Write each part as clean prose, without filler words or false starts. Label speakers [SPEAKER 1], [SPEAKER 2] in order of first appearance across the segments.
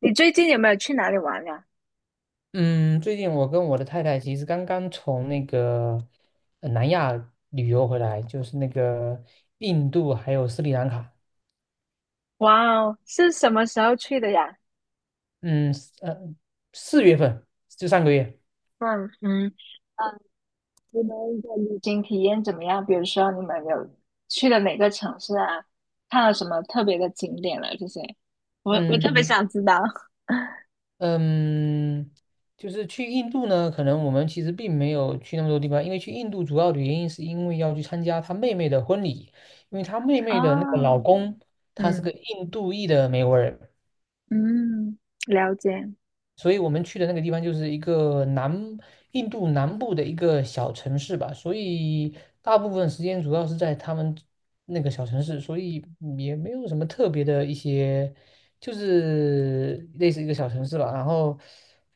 [SPEAKER 1] 你最近有没有去哪里玩呀？
[SPEAKER 2] 嗯，最近我跟我的太太其实刚刚从那个南亚旅游回来，就是那个印度还有斯里兰卡。
[SPEAKER 1] 哇哦，是什么时候去的呀？
[SPEAKER 2] 嗯，四月份就上个月。
[SPEAKER 1] 嗯嗯，嗯，你们的旅行体验怎么样？比如说你们有去了哪个城市啊？看了什么特别的景点了？这些，我特别
[SPEAKER 2] 嗯
[SPEAKER 1] 想知道。
[SPEAKER 2] 嗯，就是去印度呢，可能我们其实并没有去那么多地方，因为去印度主要的原因是因为要去参加她妹妹的婚礼，因为她妹妹的那个老
[SPEAKER 1] 啊，
[SPEAKER 2] 公他是个
[SPEAKER 1] 嗯
[SPEAKER 2] 印度裔的美国人。
[SPEAKER 1] 嗯，了解，
[SPEAKER 2] 所以我们去的那个地方就是一个南印度南部的一个小城市吧，所以大部分时间主要是在他们那个小城市，所以也没有什么特别的一些，就是类似一个小城市吧。然后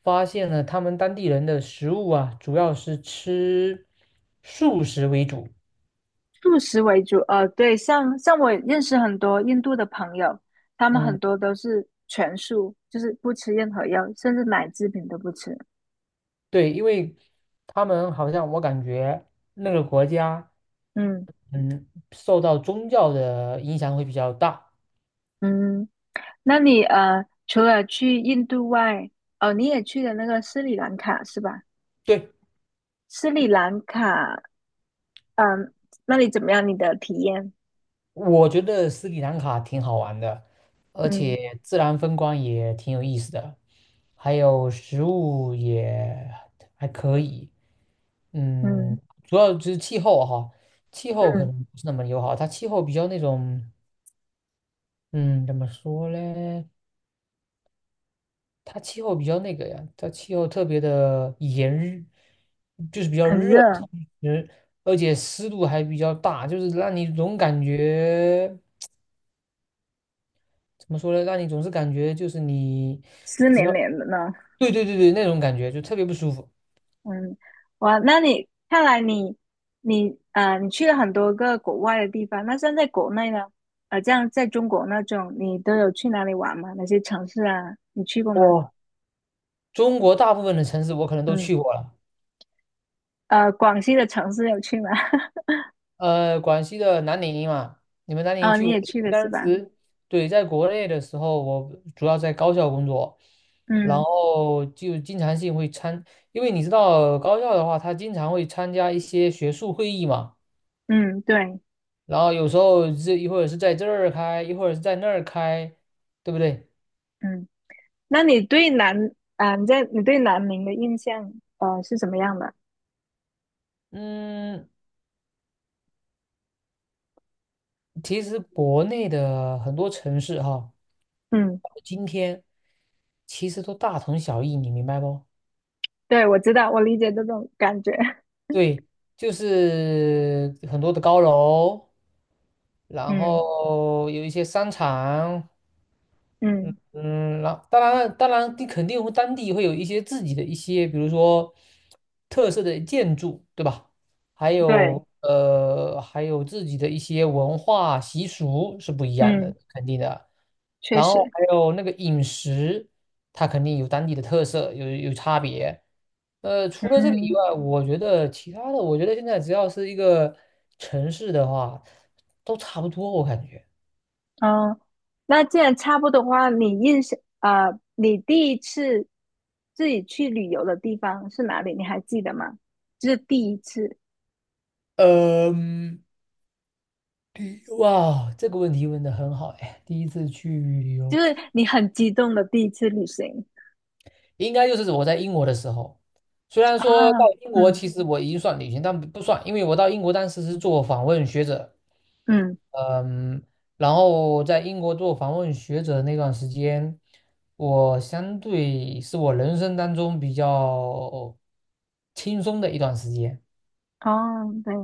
[SPEAKER 2] 发现了他们当地人的食物啊，主要是吃素食为主。
[SPEAKER 1] 素食为主。对，像我认识很多印度的朋友，他们很
[SPEAKER 2] 嗯，
[SPEAKER 1] 多都是全素，就是不吃任何药，甚至奶制品都不吃。
[SPEAKER 2] 对，因为他们好像我感觉那个国家，
[SPEAKER 1] 嗯
[SPEAKER 2] 嗯，受到宗教的影响会比较大。
[SPEAKER 1] 嗯。那你除了去印度外，哦，你也去了那个斯里兰卡是吧？
[SPEAKER 2] 对。
[SPEAKER 1] 斯里兰卡，嗯，那里怎么样？你的体验？
[SPEAKER 2] 我觉得斯里兰卡挺好玩的，而
[SPEAKER 1] 嗯
[SPEAKER 2] 且自然风光也挺有意思的，还有食物也还可以。嗯，
[SPEAKER 1] 嗯
[SPEAKER 2] 主要就是气候哈，气候可
[SPEAKER 1] 嗯，
[SPEAKER 2] 能不是那么友好，它气候比较那种，嗯，怎么说嘞？它气候比较那个呀，它气候特别的炎热，就是比较
[SPEAKER 1] 很
[SPEAKER 2] 热，
[SPEAKER 1] 热，
[SPEAKER 2] 同时而且湿度还比较大，就是让你总感觉。怎么说呢？让你总是感觉就是你
[SPEAKER 1] 湿
[SPEAKER 2] 只
[SPEAKER 1] 黏
[SPEAKER 2] 要，
[SPEAKER 1] 黏的呢。
[SPEAKER 2] 对对对对，那种感觉就特别不舒服。
[SPEAKER 1] 嗯，哇，那你看来你你去了很多个国外的地方，那像在国内呢？这样在中国那种，你都有去哪里玩吗？哪些城市啊？你去过吗？
[SPEAKER 2] 我中国大部分的城市我可能都
[SPEAKER 1] 嗯，
[SPEAKER 2] 去过了，
[SPEAKER 1] 广西的城市有去吗？
[SPEAKER 2] 广西的南宁嘛，你们南 宁
[SPEAKER 1] 哦，
[SPEAKER 2] 去
[SPEAKER 1] 你
[SPEAKER 2] 过？
[SPEAKER 1] 也去了是
[SPEAKER 2] 当
[SPEAKER 1] 吧？
[SPEAKER 2] 时对，在国内的时候，我主要在高校工作，然
[SPEAKER 1] 嗯。
[SPEAKER 2] 后就经常性会参，因为你知道高校的话，他经常会参加一些学术会议嘛，
[SPEAKER 1] 嗯，对，
[SPEAKER 2] 然后有时候这一会儿是在这儿开，一会儿是在那儿开，对不对？
[SPEAKER 1] 嗯，那你对南啊，你对南宁的印象是什么样的？
[SPEAKER 2] 嗯，其实国内的很多城市哈，
[SPEAKER 1] 嗯，
[SPEAKER 2] 今天其实都大同小异，你明白不？
[SPEAKER 1] 对，我知道，我理解这种感觉。
[SPEAKER 2] 对，就是很多的高楼，然
[SPEAKER 1] 嗯
[SPEAKER 2] 后有一些商场，
[SPEAKER 1] 嗯，
[SPEAKER 2] 嗯，然后当然，你肯定会当地会有一些自己的一些，比如说特色的建筑，对吧？还有
[SPEAKER 1] 对，
[SPEAKER 2] 呃，还有自己的一些文化习俗是不一样
[SPEAKER 1] 嗯，
[SPEAKER 2] 的，肯定的。
[SPEAKER 1] 确
[SPEAKER 2] 然后
[SPEAKER 1] 实，
[SPEAKER 2] 还有那个饮食，它肯定有当地的特色，有差别。除
[SPEAKER 1] 嗯
[SPEAKER 2] 了这个以
[SPEAKER 1] 嗯，
[SPEAKER 2] 外，我觉得其他的，我觉得现在只要是一个城市的话，都差不多，我感觉。
[SPEAKER 1] 哦，那既然差不多的话，你印象啊，你第一次自己去旅游的地方是哪里？你还记得吗？就是第一次，
[SPEAKER 2] 嗯。哇，这个问题问的很好哎！第一次去旅游，
[SPEAKER 1] 就是你很激动的第一次旅行
[SPEAKER 2] 应该就是我在英国的时候。虽然说到
[SPEAKER 1] 啊，
[SPEAKER 2] 英国，
[SPEAKER 1] 嗯
[SPEAKER 2] 其实我已经算旅行，但不算，因为我到英国当时是做访问学者，
[SPEAKER 1] 嗯，
[SPEAKER 2] 嗯，然后在英国做访问学者的那段时间，我相对是我人生当中比较轻松的一段时间，
[SPEAKER 1] 哦，对，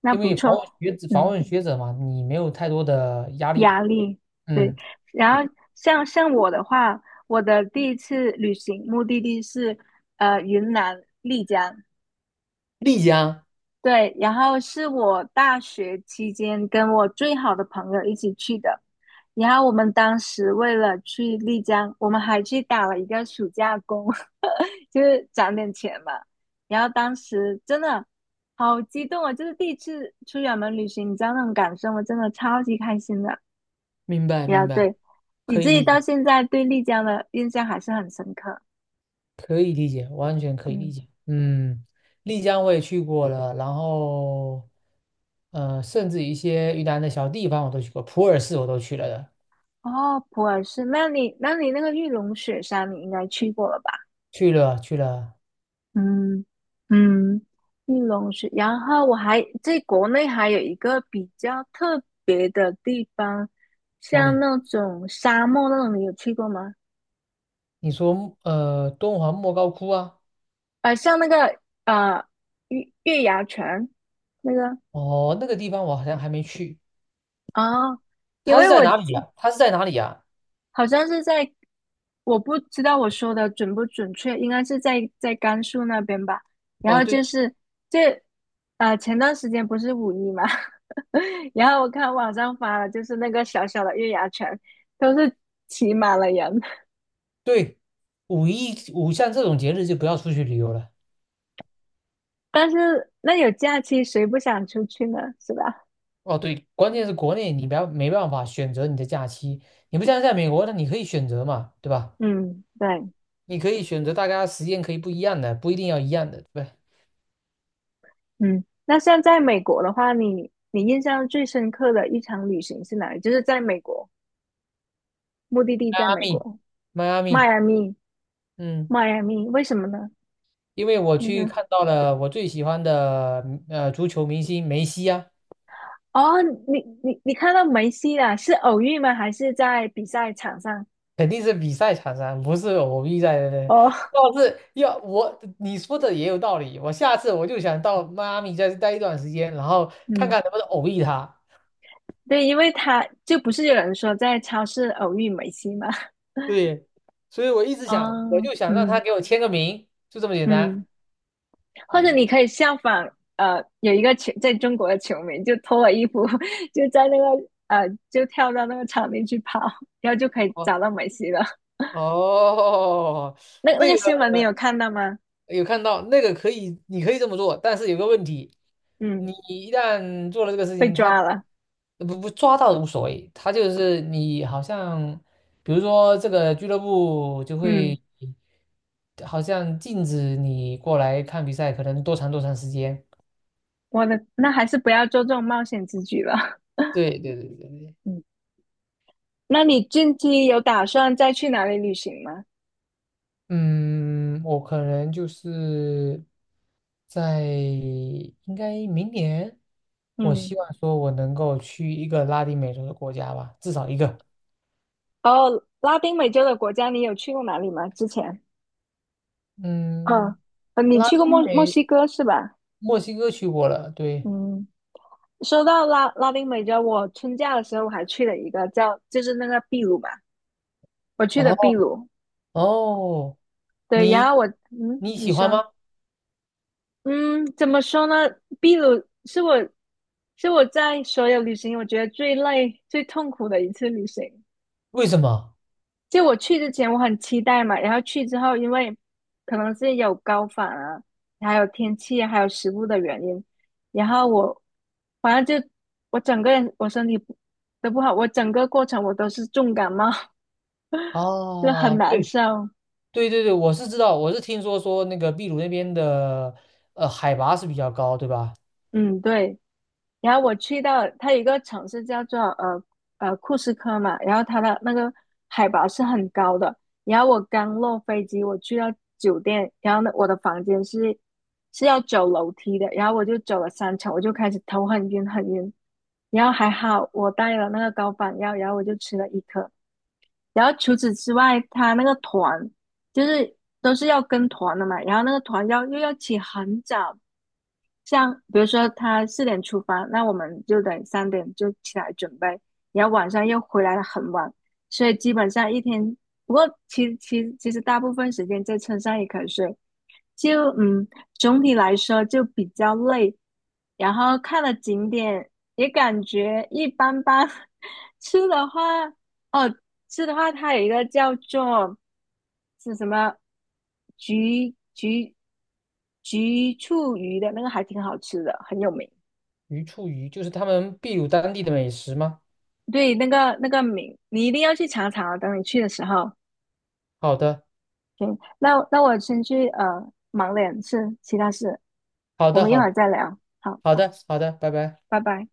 [SPEAKER 1] 那
[SPEAKER 2] 因
[SPEAKER 1] 不
[SPEAKER 2] 为访
[SPEAKER 1] 错。
[SPEAKER 2] 问学者访
[SPEAKER 1] 嗯。
[SPEAKER 2] 问学者嘛，你没有太多的压力，
[SPEAKER 1] 压力，对。
[SPEAKER 2] 嗯，
[SPEAKER 1] 然后像我的话，我的第一次旅行目的地是云南丽江，
[SPEAKER 2] 丽江，
[SPEAKER 1] 对。然后是我大学期间跟我最好的朋友一起去的。然后我们当时为了去丽江，我们还去打了一个暑假工，就是攒点钱嘛。然后当时真的好激动啊，就是第一次出远门旅行，你知道那种感受吗？真的超级开心的。
[SPEAKER 2] 明白
[SPEAKER 1] 呀，
[SPEAKER 2] 明白，
[SPEAKER 1] 对，你
[SPEAKER 2] 可
[SPEAKER 1] 自
[SPEAKER 2] 以
[SPEAKER 1] 己
[SPEAKER 2] 理解
[SPEAKER 1] 到现在对丽江的印象还是很深刻。
[SPEAKER 2] 可以理解，完全可以理
[SPEAKER 1] 嗯，
[SPEAKER 2] 解。嗯，丽江我也去过了，然后，甚至一些云南的小地方我都去过，普洱市我都去了的，
[SPEAKER 1] 哦，普洱市，那你那个玉龙雪山你应该去过了吧？
[SPEAKER 2] 去了去了
[SPEAKER 1] 嗯嗯，玉龙雪，然后我还在国内还有一个比较特别的地方，
[SPEAKER 2] 哪
[SPEAKER 1] 像
[SPEAKER 2] 里？
[SPEAKER 1] 那种沙漠那种，你有去过吗？
[SPEAKER 2] 你说敦煌莫高窟啊？
[SPEAKER 1] 像那个月牙泉那个
[SPEAKER 2] 哦，那个地方我好像还没去，
[SPEAKER 1] 啊，因
[SPEAKER 2] 它是
[SPEAKER 1] 为
[SPEAKER 2] 在
[SPEAKER 1] 我
[SPEAKER 2] 哪里啊？它是在哪里呀？
[SPEAKER 1] 好像是在，我不知道我说的准不准确，应该是在甘肃那边吧。然
[SPEAKER 2] 哦，
[SPEAKER 1] 后就
[SPEAKER 2] 对
[SPEAKER 1] 是这，啊，前段时间不是五一嘛，然后我看网上发了，就是那个小小的月牙泉都是挤满了人，
[SPEAKER 2] 对，五一像这种节日就不要出去旅游了。
[SPEAKER 1] 但是那有假期，谁不想出去呢？是吧？
[SPEAKER 2] 哦，对，关键是国内你不要没办法选择你的假期，你不像在美国，那你可以选择嘛，对吧？
[SPEAKER 1] 嗯，对，
[SPEAKER 2] 你可以选择大家时间可以不一样的，不一定要一样的，对吧？
[SPEAKER 1] 嗯。那像在美国的话，你印象最深刻的一场旅行是哪里？就是在美国，目的地
[SPEAKER 2] 迈
[SPEAKER 1] 在
[SPEAKER 2] 阿
[SPEAKER 1] 美
[SPEAKER 2] 密，
[SPEAKER 1] 国，
[SPEAKER 2] 迈阿
[SPEAKER 1] 迈
[SPEAKER 2] 密
[SPEAKER 1] 阿密。
[SPEAKER 2] 嗯，
[SPEAKER 1] 迈阿密，为什么呢？
[SPEAKER 2] 因为我
[SPEAKER 1] 就
[SPEAKER 2] 去
[SPEAKER 1] 是
[SPEAKER 2] 看到了我最喜欢的足球明星梅西啊，
[SPEAKER 1] 哦，你看到梅西了，是偶遇吗？还是在比赛场上？
[SPEAKER 2] 肯定是比赛场上，不是偶遇在的。
[SPEAKER 1] 哦，
[SPEAKER 2] 要是要我你说的也有道理，我下次我就想到迈阿密再待一段时间，然后 看
[SPEAKER 1] 嗯，
[SPEAKER 2] 看能不能偶遇他。
[SPEAKER 1] 对，因为他就不是有人说在超市偶遇梅西吗？
[SPEAKER 2] 对，所以我一 直想，我
[SPEAKER 1] 哦，
[SPEAKER 2] 就想让他
[SPEAKER 1] 嗯
[SPEAKER 2] 给我签个名，就这么简单。
[SPEAKER 1] 嗯，或者
[SPEAKER 2] 嗯，
[SPEAKER 1] 你可以效仿，有一个球在中国的球迷就脱了衣服，就在那个就跳到那个场地去跑，然后就可以
[SPEAKER 2] 哦
[SPEAKER 1] 找到梅西了。
[SPEAKER 2] 哦，
[SPEAKER 1] 那那
[SPEAKER 2] 那
[SPEAKER 1] 个
[SPEAKER 2] 个。
[SPEAKER 1] 新闻你有看到吗？
[SPEAKER 2] 有看到那个可以，你可以这么做，但是有个问题，
[SPEAKER 1] 嗯，
[SPEAKER 2] 你一旦做了这个事
[SPEAKER 1] 被
[SPEAKER 2] 情，他
[SPEAKER 1] 抓了。
[SPEAKER 2] 不抓到无所谓，他就是你好像，比如说这个俱乐部就
[SPEAKER 1] 嗯。
[SPEAKER 2] 会好像禁止你过来看比赛，可能多长多长时间。
[SPEAKER 1] 我的，那还是不要做这种冒险之举了。
[SPEAKER 2] 对对对对对，
[SPEAKER 1] 嗯，那你近期有打算再去哪里旅行吗？
[SPEAKER 2] 嗯，我可能就是在应该明年，我
[SPEAKER 1] 嗯，
[SPEAKER 2] 希望说我能够去一个拉丁美洲的国家吧，至少一个。
[SPEAKER 1] 哦，拉丁美洲的国家你有去过哪里吗？之前？嗯，
[SPEAKER 2] 嗯，
[SPEAKER 1] 你
[SPEAKER 2] 拉
[SPEAKER 1] 去过
[SPEAKER 2] 丁
[SPEAKER 1] 墨墨
[SPEAKER 2] 美
[SPEAKER 1] 西哥是吧？
[SPEAKER 2] 墨西哥去过了，对。
[SPEAKER 1] 嗯，说到拉丁美洲，我春假的时候我还去了一个叫，就是那个秘鲁嘛，我去的秘
[SPEAKER 2] 哦
[SPEAKER 1] 鲁。
[SPEAKER 2] 哦，
[SPEAKER 1] 对，然
[SPEAKER 2] 你
[SPEAKER 1] 后我，嗯，
[SPEAKER 2] 你
[SPEAKER 1] 你
[SPEAKER 2] 喜欢
[SPEAKER 1] 说，
[SPEAKER 2] 吗？
[SPEAKER 1] 嗯，怎么说呢？秘鲁是我在所有旅行我觉得最累、最痛苦的一次旅行。
[SPEAKER 2] 为什么？
[SPEAKER 1] 就我去之前我很期待嘛，然后去之后，因为可能是有高反啊，还有天气啊，还有食物的原因，然后我反正就我整个人我身体不都不好，我整个过程我都是重感冒，就很
[SPEAKER 2] 哦，
[SPEAKER 1] 难
[SPEAKER 2] 对
[SPEAKER 1] 受。
[SPEAKER 2] 对对对，我是知道，我是听说那个秘鲁那边的海拔是比较高，对吧？
[SPEAKER 1] 嗯，对。然后我去到它有一个城市叫做库斯科嘛，然后它的那个海拔是很高的。然后我刚落飞机，我去到酒店，然后呢，我的房间是要走楼梯的，然后我就走了3层，我就开始头很晕很晕。然后还好我带了那个高反药，然后我就吃了一颗。然后除此之外，它那个团就是都是要跟团的嘛，然后那个团又要起很早，像比如说他4点出发，那我们就得3点就起来准备，然后晚上又回来的很晚，所以基本上一天，不过其实大部分时间在车上也可以睡，就嗯，总体来说就比较累，然后看了景点也感觉一般般。吃的话，哦，吃的话，它有一个叫做是什么菊菊菊醋鱼的那个还挺好吃的，很有名。
[SPEAKER 2] 鱼醋鱼就是他们秘鲁当地的美食吗？
[SPEAKER 1] 对，那个那个名你一定要去尝尝啊，等你去的时候。
[SPEAKER 2] 好的，
[SPEAKER 1] 行，那我先去忙点事，其他事，
[SPEAKER 2] 好
[SPEAKER 1] 我
[SPEAKER 2] 的，
[SPEAKER 1] 们一
[SPEAKER 2] 好
[SPEAKER 1] 会
[SPEAKER 2] 的，
[SPEAKER 1] 儿再聊。好，
[SPEAKER 2] 好的，好的，拜拜。
[SPEAKER 1] 拜拜。